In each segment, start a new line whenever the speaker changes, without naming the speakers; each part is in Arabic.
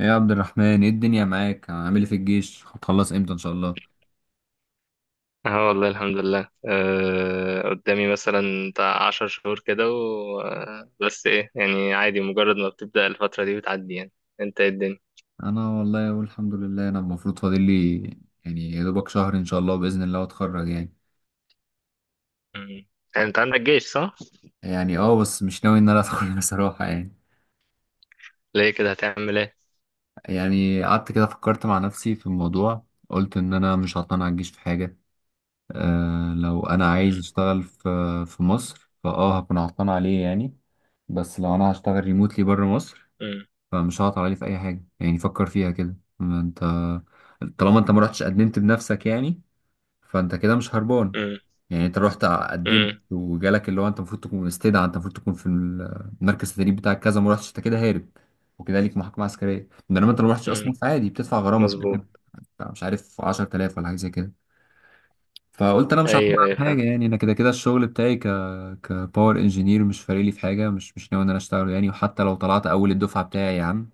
ايه يا عبد الرحمن، ايه الدنيا معاك؟ عامل ايه في الجيش؟ هتخلص امتى ان شاء الله؟
اه، والله الحمد لله، قدامي مثلا بتاع عشر شهور كده. و... آه، بس ايه يعني، عادي، مجرد ما بتبدأ الفترة دي بتعدي يعني. انت ايه الدنيا؟
انا والله اقول الحمد لله. انا المفروض فاضل لي يعني يا دوبك شهر ان شاء الله باذن الله اتخرج يعني.
مم. يعني انت عندك جيش، صح؟
يعني بس مش ناوي ان انا اتخرج بصراحه يعني.
ليه كده، هتعمل ايه؟
يعني قعدت كده فكرت مع نفسي في الموضوع، قلت ان انا مش هعتمد على الجيش في حاجه. أه لو انا عايز
مم.
اشتغل في مصر، فاه هكون عطلان عليه يعني. بس لو انا هشتغل ريموتلي بره مصر
مم.
فمش هعطل عليه في اي حاجه يعني. فكر فيها كده، ما انت طالما انت ما رحتش قدمت بنفسك يعني، فانت كده مش هربان.
مم.
يعني انت رحت قدمت
مم.
وجالك اللي هو انت المفروض تكون مستدعى، انت المفروض تكون في المركز التدريب بتاعك كذا، ما رحتش، انت كده هارب، وكده ليك محاكمه عسكريه. انما انت ما رحتش اصلا،
مم.
فعادي بتدفع غرامه في الاخر
مظبوط.
بتاع مش عارف 10000 ولا حاجه زي كده. فقلت انا مش هعتمد
ايوه، ايوه،
على
فاهم.
حاجه يعني، انا كده كده الشغل بتاعي كباور انجينير مش فارق لي في حاجه. مش ناوي ان انا اشتغله يعني. وحتى لو طلعت اول الدفعه بتاعي يا عم،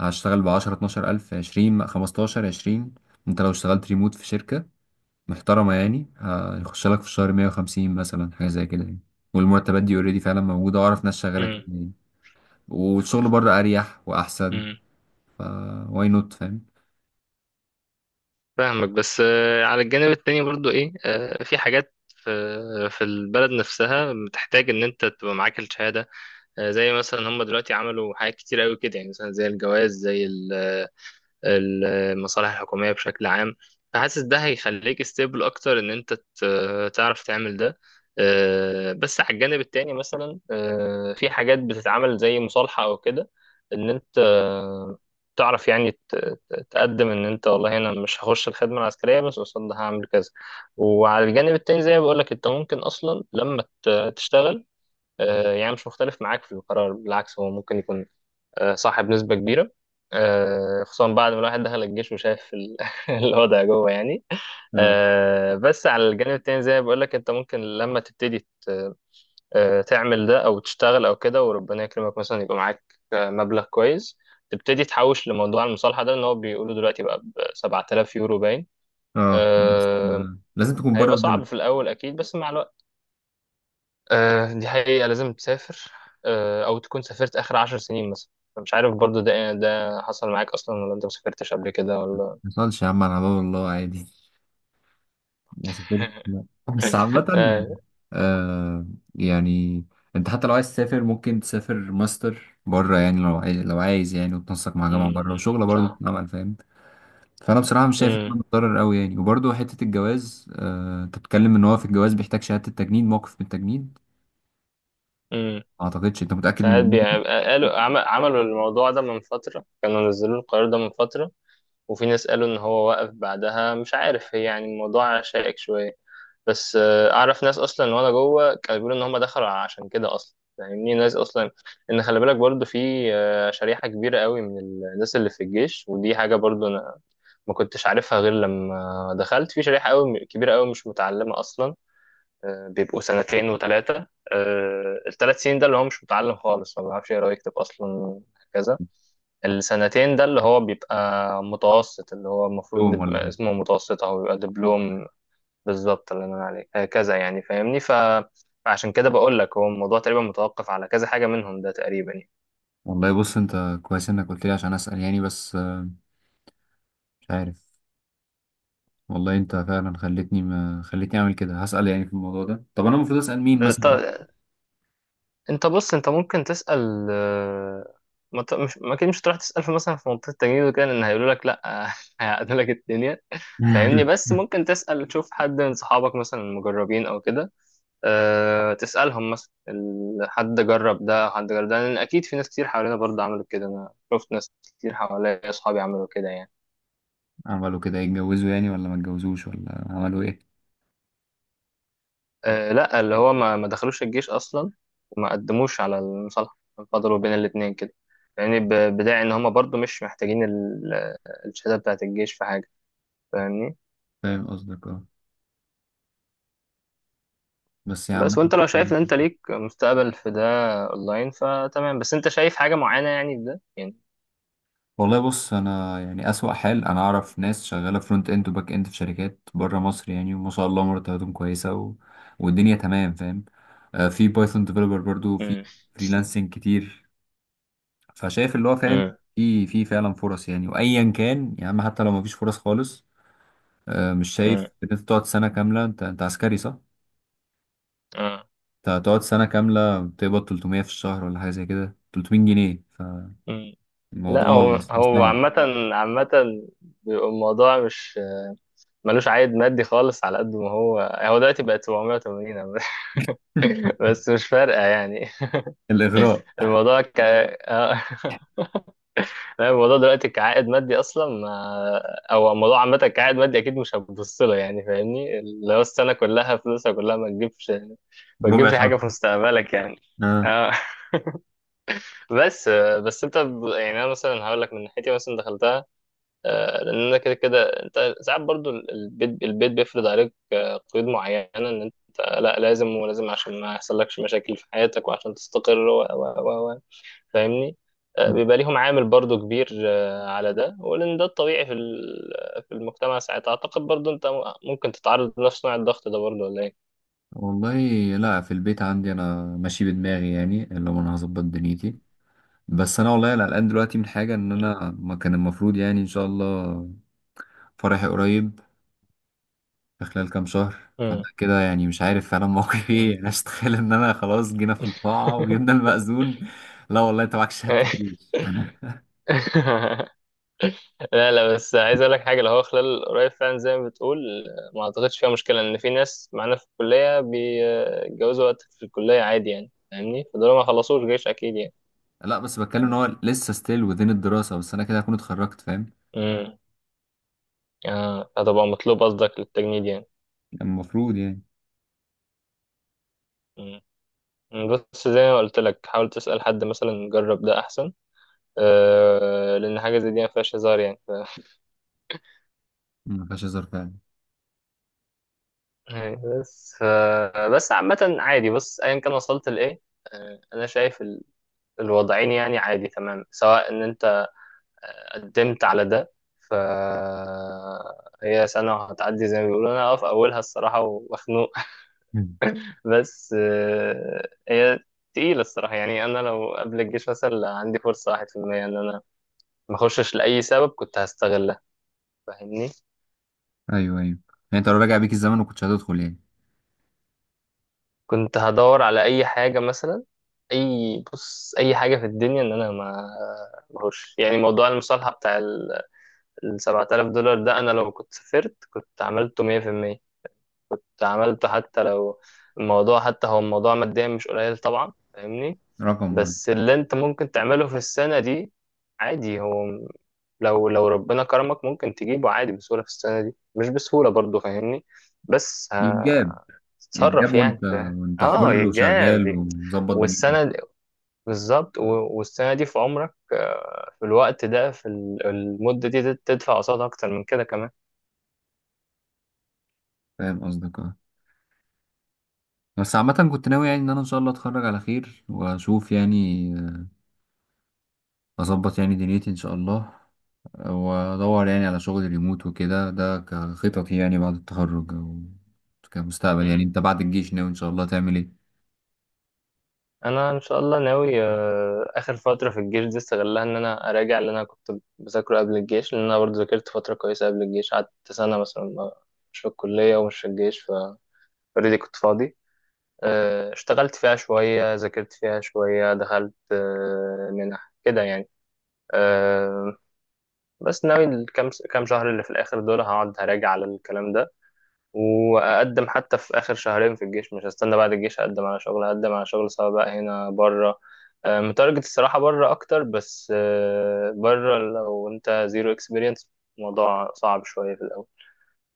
هشتغل ب 10 12 ألف، 20، 15، 20. أنت لو اشتغلت ريموت في شركة محترمة يعني، هيخش لك في الشهر 150 مثلا، حاجة زي كده يعني. والمرتبات دي اوريدي فعلا موجودة، وأعرف ناس شغالة كتير
مم.
يعني. والشغل بره أريح وأحسن.
مم.
فا واي نوت، فاهم؟
فاهمك، بس على الجانب التاني برضو ايه، في حاجات في البلد نفسها بتحتاج ان انت تبقى معاك الشهادة. زي مثلا هم دلوقتي عملوا حاجات كتير قوي كده، يعني مثلا زي الجواز، زي المصالح الحكومية بشكل عام. فحاسس ده هيخليك ستيبل أكتر، إن أنت تعرف تعمل ده. بس على الجانب التاني مثلا في حاجات بتتعمل زي مصالحة أو كده، إن أنت تعرف يعني تقدم ان انت، والله انا مش هخش الخدمه العسكريه، بس قصاد ده هعمل كذا. وعلى الجانب التاني زي ما بقول لك، انت ممكن اصلا لما تشتغل. يعني مش مختلف معاك في القرار، بالعكس، هو ممكن يكون صح بنسبة كبيرة، خصوصا بعد ما الواحد دخل الجيش وشاف الوضع جوه يعني.
اه.
بس على الجانب التاني زي ما بقول لك، انت ممكن لما تبتدي تعمل ده او تشتغل او كده، وربنا يكرمك مثلا يبقى معاك مبلغ كويس، تبتدي تحوش لموضوع المصالحة ده، ان هو بيقولوا دلوقتي بقى ب 7000 يورو باين.
اه، بس
آه،
لازم تكون بره
هيبقى صعب
البلد.
في الاول اكيد، بس مع الوقت. دي حقيقة، لازم تسافر، أو تكون سافرت آخر عشر سنين مثلا. مش عارف برضو، ده حصل معاك أصلا، ولا أنت مسافرتش قبل كده، ولا.
ما يحصلش يا عم، على باب الله، عادي. ما سافرتش، لا. بس عامة
آه
آه، يعني انت حتى لو عايز تسافر، ممكن تسافر ماستر بره يعني لو عايز يعني، وتنسق مع جامعة بره،
أمم،
وشغلة برضه
صح.
بتتعمل، فاهم؟ فانا بصراحة مش شايف ان
أمم،
انا متضرر قوي يعني. وبرضه حتة الجواز، آه انت بتتكلم ان هو في الجواز بيحتاج شهادة التجنيد، موقف من التجنيد.
أمم.
ما اعتقدش. انت متأكد من
ساعات
المعلومة دي؟
بيبقى، قالوا عملوا الموضوع ده من فترة، كانوا نزلوا القرار ده من فترة. وفي ناس قالوا إن هو وقف بعدها، مش عارف، هي يعني الموضوع شائك شوية. بس اعرف ناس اصلا وانا جوه كانوا بيقولوا ان هم دخلوا عشان كده اصلا، فاهمني، ناس اصلا، ان خلي بالك برضو في شريحه كبيره قوي من الناس اللي في الجيش، ودي حاجه برضو انا ما كنتش عارفها غير لما دخلت، في شريحه قوي كبيره قوي مش متعلمه اصلا. بيبقوا سنتين وثلاثه. الثلاث سنين ده اللي هو مش متعلم خالص، ما بيعرفش يقرا ويكتب اصلا هكذا. السنتين ده اللي هو بيبقى متوسط، اللي هو المفروض
يوم ولا حاجة.
اسمه متوسط، او بيبقى دبلوم. بالظبط اللي انا عليك هكذا يعني، فاهمني. فعشان كده بقول لك، هو الموضوع تقريبا متوقف على كذا حاجة منهم ده تقريبا يعني.
والله بص، انت كويس انك قلت لي عشان اسأل يعني، بس مش عارف. والله انت فعلا ما خلتني اعمل كده، هسأل يعني في الموضوع ده. طب انا المفروض اسأل مين
بط...
مثلا؟
انت بص، انت ممكن تسأل ما ت- مش ما اكيد مش هتروح تسأل في مثلا، في منطقة التجنيد وكده، ان هيقولوا لك لا، هيعقدوا لك الدنيا، فاهمني. بس ممكن تسأل تشوف حد من صحابك مثلا، المجربين او كده. تسألهم مثلا حد جرب ده، حد جرب ده، لان اكيد في ناس كتير حوالينا برضه عملوا كده، انا شفت ناس كتير حواليا، اصحابي عملوا كده يعني.
عملوا كده يتجوزوا يعني، ولا ما اتجوزوش، ولا عملوا ايه؟
آه لا، اللي هو ما دخلوش الجيش اصلا، وما قدموش على المصالحه، فضلوا بين الاثنين كده يعني، بداعي ان هم برضو مش محتاجين الشهاده بتاعه الجيش في حاجه، فاهمني.
فاهم قصدك، اه. بس يا عم،
بس وانت لو شايف ان انت ليك مستقبل في ده اونلاين فتمام، بس انت شايف حاجه معينه يعني في ده يعني.
والله بص، انا يعني اسوأ حال انا اعرف ناس شغاله فرونت اند وباك اند في شركات بره مصر يعني، وما شاء الله مرتباتهم كويسه و... والدنيا تمام، فاهم. آه، في بايثون ديفلوبر برضو، في
امم،
فريلانسنج كتير. فشايف اللي هو، فاهم،
امم،
في فعلا فرص يعني. وايا كان يا عم، حتى لو ما فيش فرص خالص، آه مش شايف
امم.
ان انت تقعد سنه كامله. انت عسكري صح؟
آه،
انت هتقعد سنة كاملة بتقبض 300 في الشهر ولا حاجة زي كده، 300 جنيه.
أمم.
فالموضوع
لا، هو
صعب.
عامة، عامة بيبقى الموضوع مش ملوش عائد مادي خالص، على قد ما هو دلوقتي بقت 780 عامة. بس مش فارقة يعني.
الإغراء،
الموضوع ك آه. لا، الموضوع دلوقتي كعائد مادي اصلا ما... او الموضوع عامه كعائد مادي اكيد مش هتبص له، يعني فاهمني، اللي هو السنه كلها، فلوسها كلها، ما تجيبش، ما
ربع
تجيبش حاجه
شهر.
في مستقبلك يعني.
آه.
اه. بس انت، يعني انا مثلا هقول لك من ناحيتي، مثلا دخلتها لان انا كده كده، انت ساعات برضو البيت، بيفرض عليك قيود معينه، ان انت لا لازم ولازم عشان ما يحصلكش مشاكل في حياتك، وعشان تستقر و و و فاهمني.
م.
بيبقى ليهم عامل برضو كبير على ده، ولأن ده الطبيعي في في المجتمع ساعتها. أعتقد برضو أنت ممكن تتعرض لنفس نوع الضغط ده برضو، ولا إيه؟
والله لا، في البيت عندي أنا ماشي بدماغي يعني، اللي هو أنا هظبط دنيتي. بس أنا والله قلقان دلوقتي من حاجة، إن
مم.
أنا ما كان المفروض يعني. إن شاء الله فرحي قريب، في خلال كام شهر. فأنا
مم.
كده يعني مش عارف فعلا موقفي
مم.
إيه. أنا أتخيل إن أنا خلاص جينا في القاعة وجبنا المأذون: لا والله أنت معاك شهادة الجيش.
لا، لا، بس عايز اقول لك حاجه، اللي هو خلال قريب فعلا زي ما بتقول، ما اعتقدش فيها مشكله، ان في ناس معانا في الكليه بيتجوزوا وقت في الكليه عادي يعني، فاهمني، فدول ما خلصوش جيش اكيد يعني.
لا بس بتكلم ان
فاهم.
هو لسه ستيل وذين الدراسة، بس انا كده هكون اتخرجت، فاهم؟
امم اه هتبقى مطلوب قصدك للتجنيد؟
يعني المفروض يعني.
يعني، بس زي ما قلت لك حاول تسأل حد مثلا جرب ده أحسن. لأن حاجة زي دي ما فيهاش هزار يعني.
ما فيهاش هزار فعلا.
أيوة، بس عامة عادي، بص، أيا كان وصلت لإيه. أنا شايف الوضعين يعني عادي تمام، سواء إن أنت قدمت على ده. ف هي سنة وهتعدي زي ما بيقولوا، أنا أقف أولها الصراحة ومخنوق.
مم.
بس هي تقيلة الصراحة يعني. أنا لو قبل الجيش مثلا عندي فرصة واحد في المية إن أنا ما أخشش لأي سبب كنت هستغلها، فاهمني.
ايوه، ايوه. يعني انت لو راجع بيك الزمن ما كنتش هتدخل يعني؟
كنت هدور على اي حاجه مثلا، اي بص اي حاجه في الدنيا، ان انا ما مهوش يعني. موضوع المصالحه بتاع ال 7000 دولار ده، انا لو كنت سافرت كنت عملته 100%، كنت عملته. حتى لو الموضوع، حتى هو الموضوع ماديا مش قليل طبعا، فاهمني.
رقم برضه
بس اللي انت ممكن تعمله في السنه دي، عادي هو لو ربنا كرمك ممكن تجيبه عادي بسهوله في السنه دي، مش بسهوله برضه فاهمني. بس
يتجاب يتجاب،
تتصرف
وانت
يعني.
وانت
اه،
حر وشغال
ايجابي.
ومظبط دنيتك.
والسنه دي بالظبط، والسنه دي في عمرك، في الوقت ده، في المده دي تدفع قصادها اكتر من كده كمان.
فاهم قصدك، اه. بس عامة كنت ناوي يعني ان انا ان شاء الله اتخرج على خير، واشوف يعني آه، اظبط يعني دنيتي ان شاء الله، وادور يعني على شغل ريموت وكده. ده كخططي يعني بعد التخرج، او كمستقبل. يعني
مم.
انت بعد الجيش ناوي ان شاء الله تعمل ايه؟
انا ان شاء الله ناوي اخر فتره في الجيش دي استغلها ان انا اراجع اللي انا كنت بذاكره قبل الجيش، لان انا برضه ذاكرت فتره كويسه قبل الجيش، قعدت سنه مثلا مش في الكليه ومش في الجيش، فاوريدي كنت فاضي، اشتغلت فيها شويه، ذاكرت فيها شويه، دخلت منح كده يعني. آه، بس ناوي كام شهر اللي في الاخر دول هقعد هراجع على الكلام ده، واقدم حتى في اخر شهرين في الجيش، مش هستنى بعد الجيش اقدم على شغل، هقدم على شغل سواء بقى هنا بره. متارجت الصراحه بره اكتر، بس بره لو انت زيرو اكسبيرينس الموضوع صعب شويه في الاول،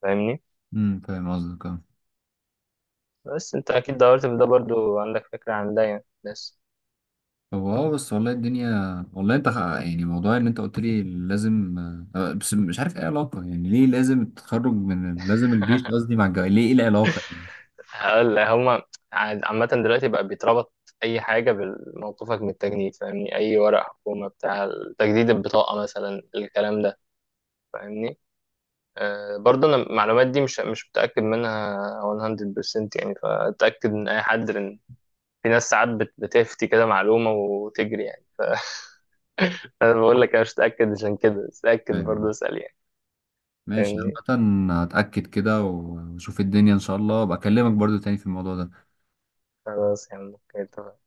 فاهمني.
امم، فاهم قصدك، اه.
بس انت اكيد دورت في ده برضو، عندك فكره عن ده يعني، بس.
طب اه، بس والله الدنيا، والله انت يعني موضوع ان انت قلت لي لازم بس مش عارف ايه علاقة يعني. ليه لازم التخرج من لازم الجيش قصدي مع الجواز؟ ليه؟ ايه العلاقة يعني؟
هقول لك هما عامة دلوقتي بقى بيتربط أي حاجة بموقفك من التجنيد، فاهمني، أي ورق حكومة بتاع تجديد البطاقة مثلا الكلام ده، فاهمني. برضه أنا المعلومات دي مش متأكد منها 100% يعني، فأتأكد من أي حد لأن في ناس ساعات بتفتي كده معلومة وتجري يعني. أنا بقول لك أنا مش متأكد عشان كده، بس اتأكد برضه،
فاهم.
اسأل يعني.
ماشي،
فاهمني.
عامة هتأكد كده واشوف الدنيا ان شاء الله، بكلمك برضو تاني في الموضوع ده.
خلاص يا عم، اوكي، اتفقنا.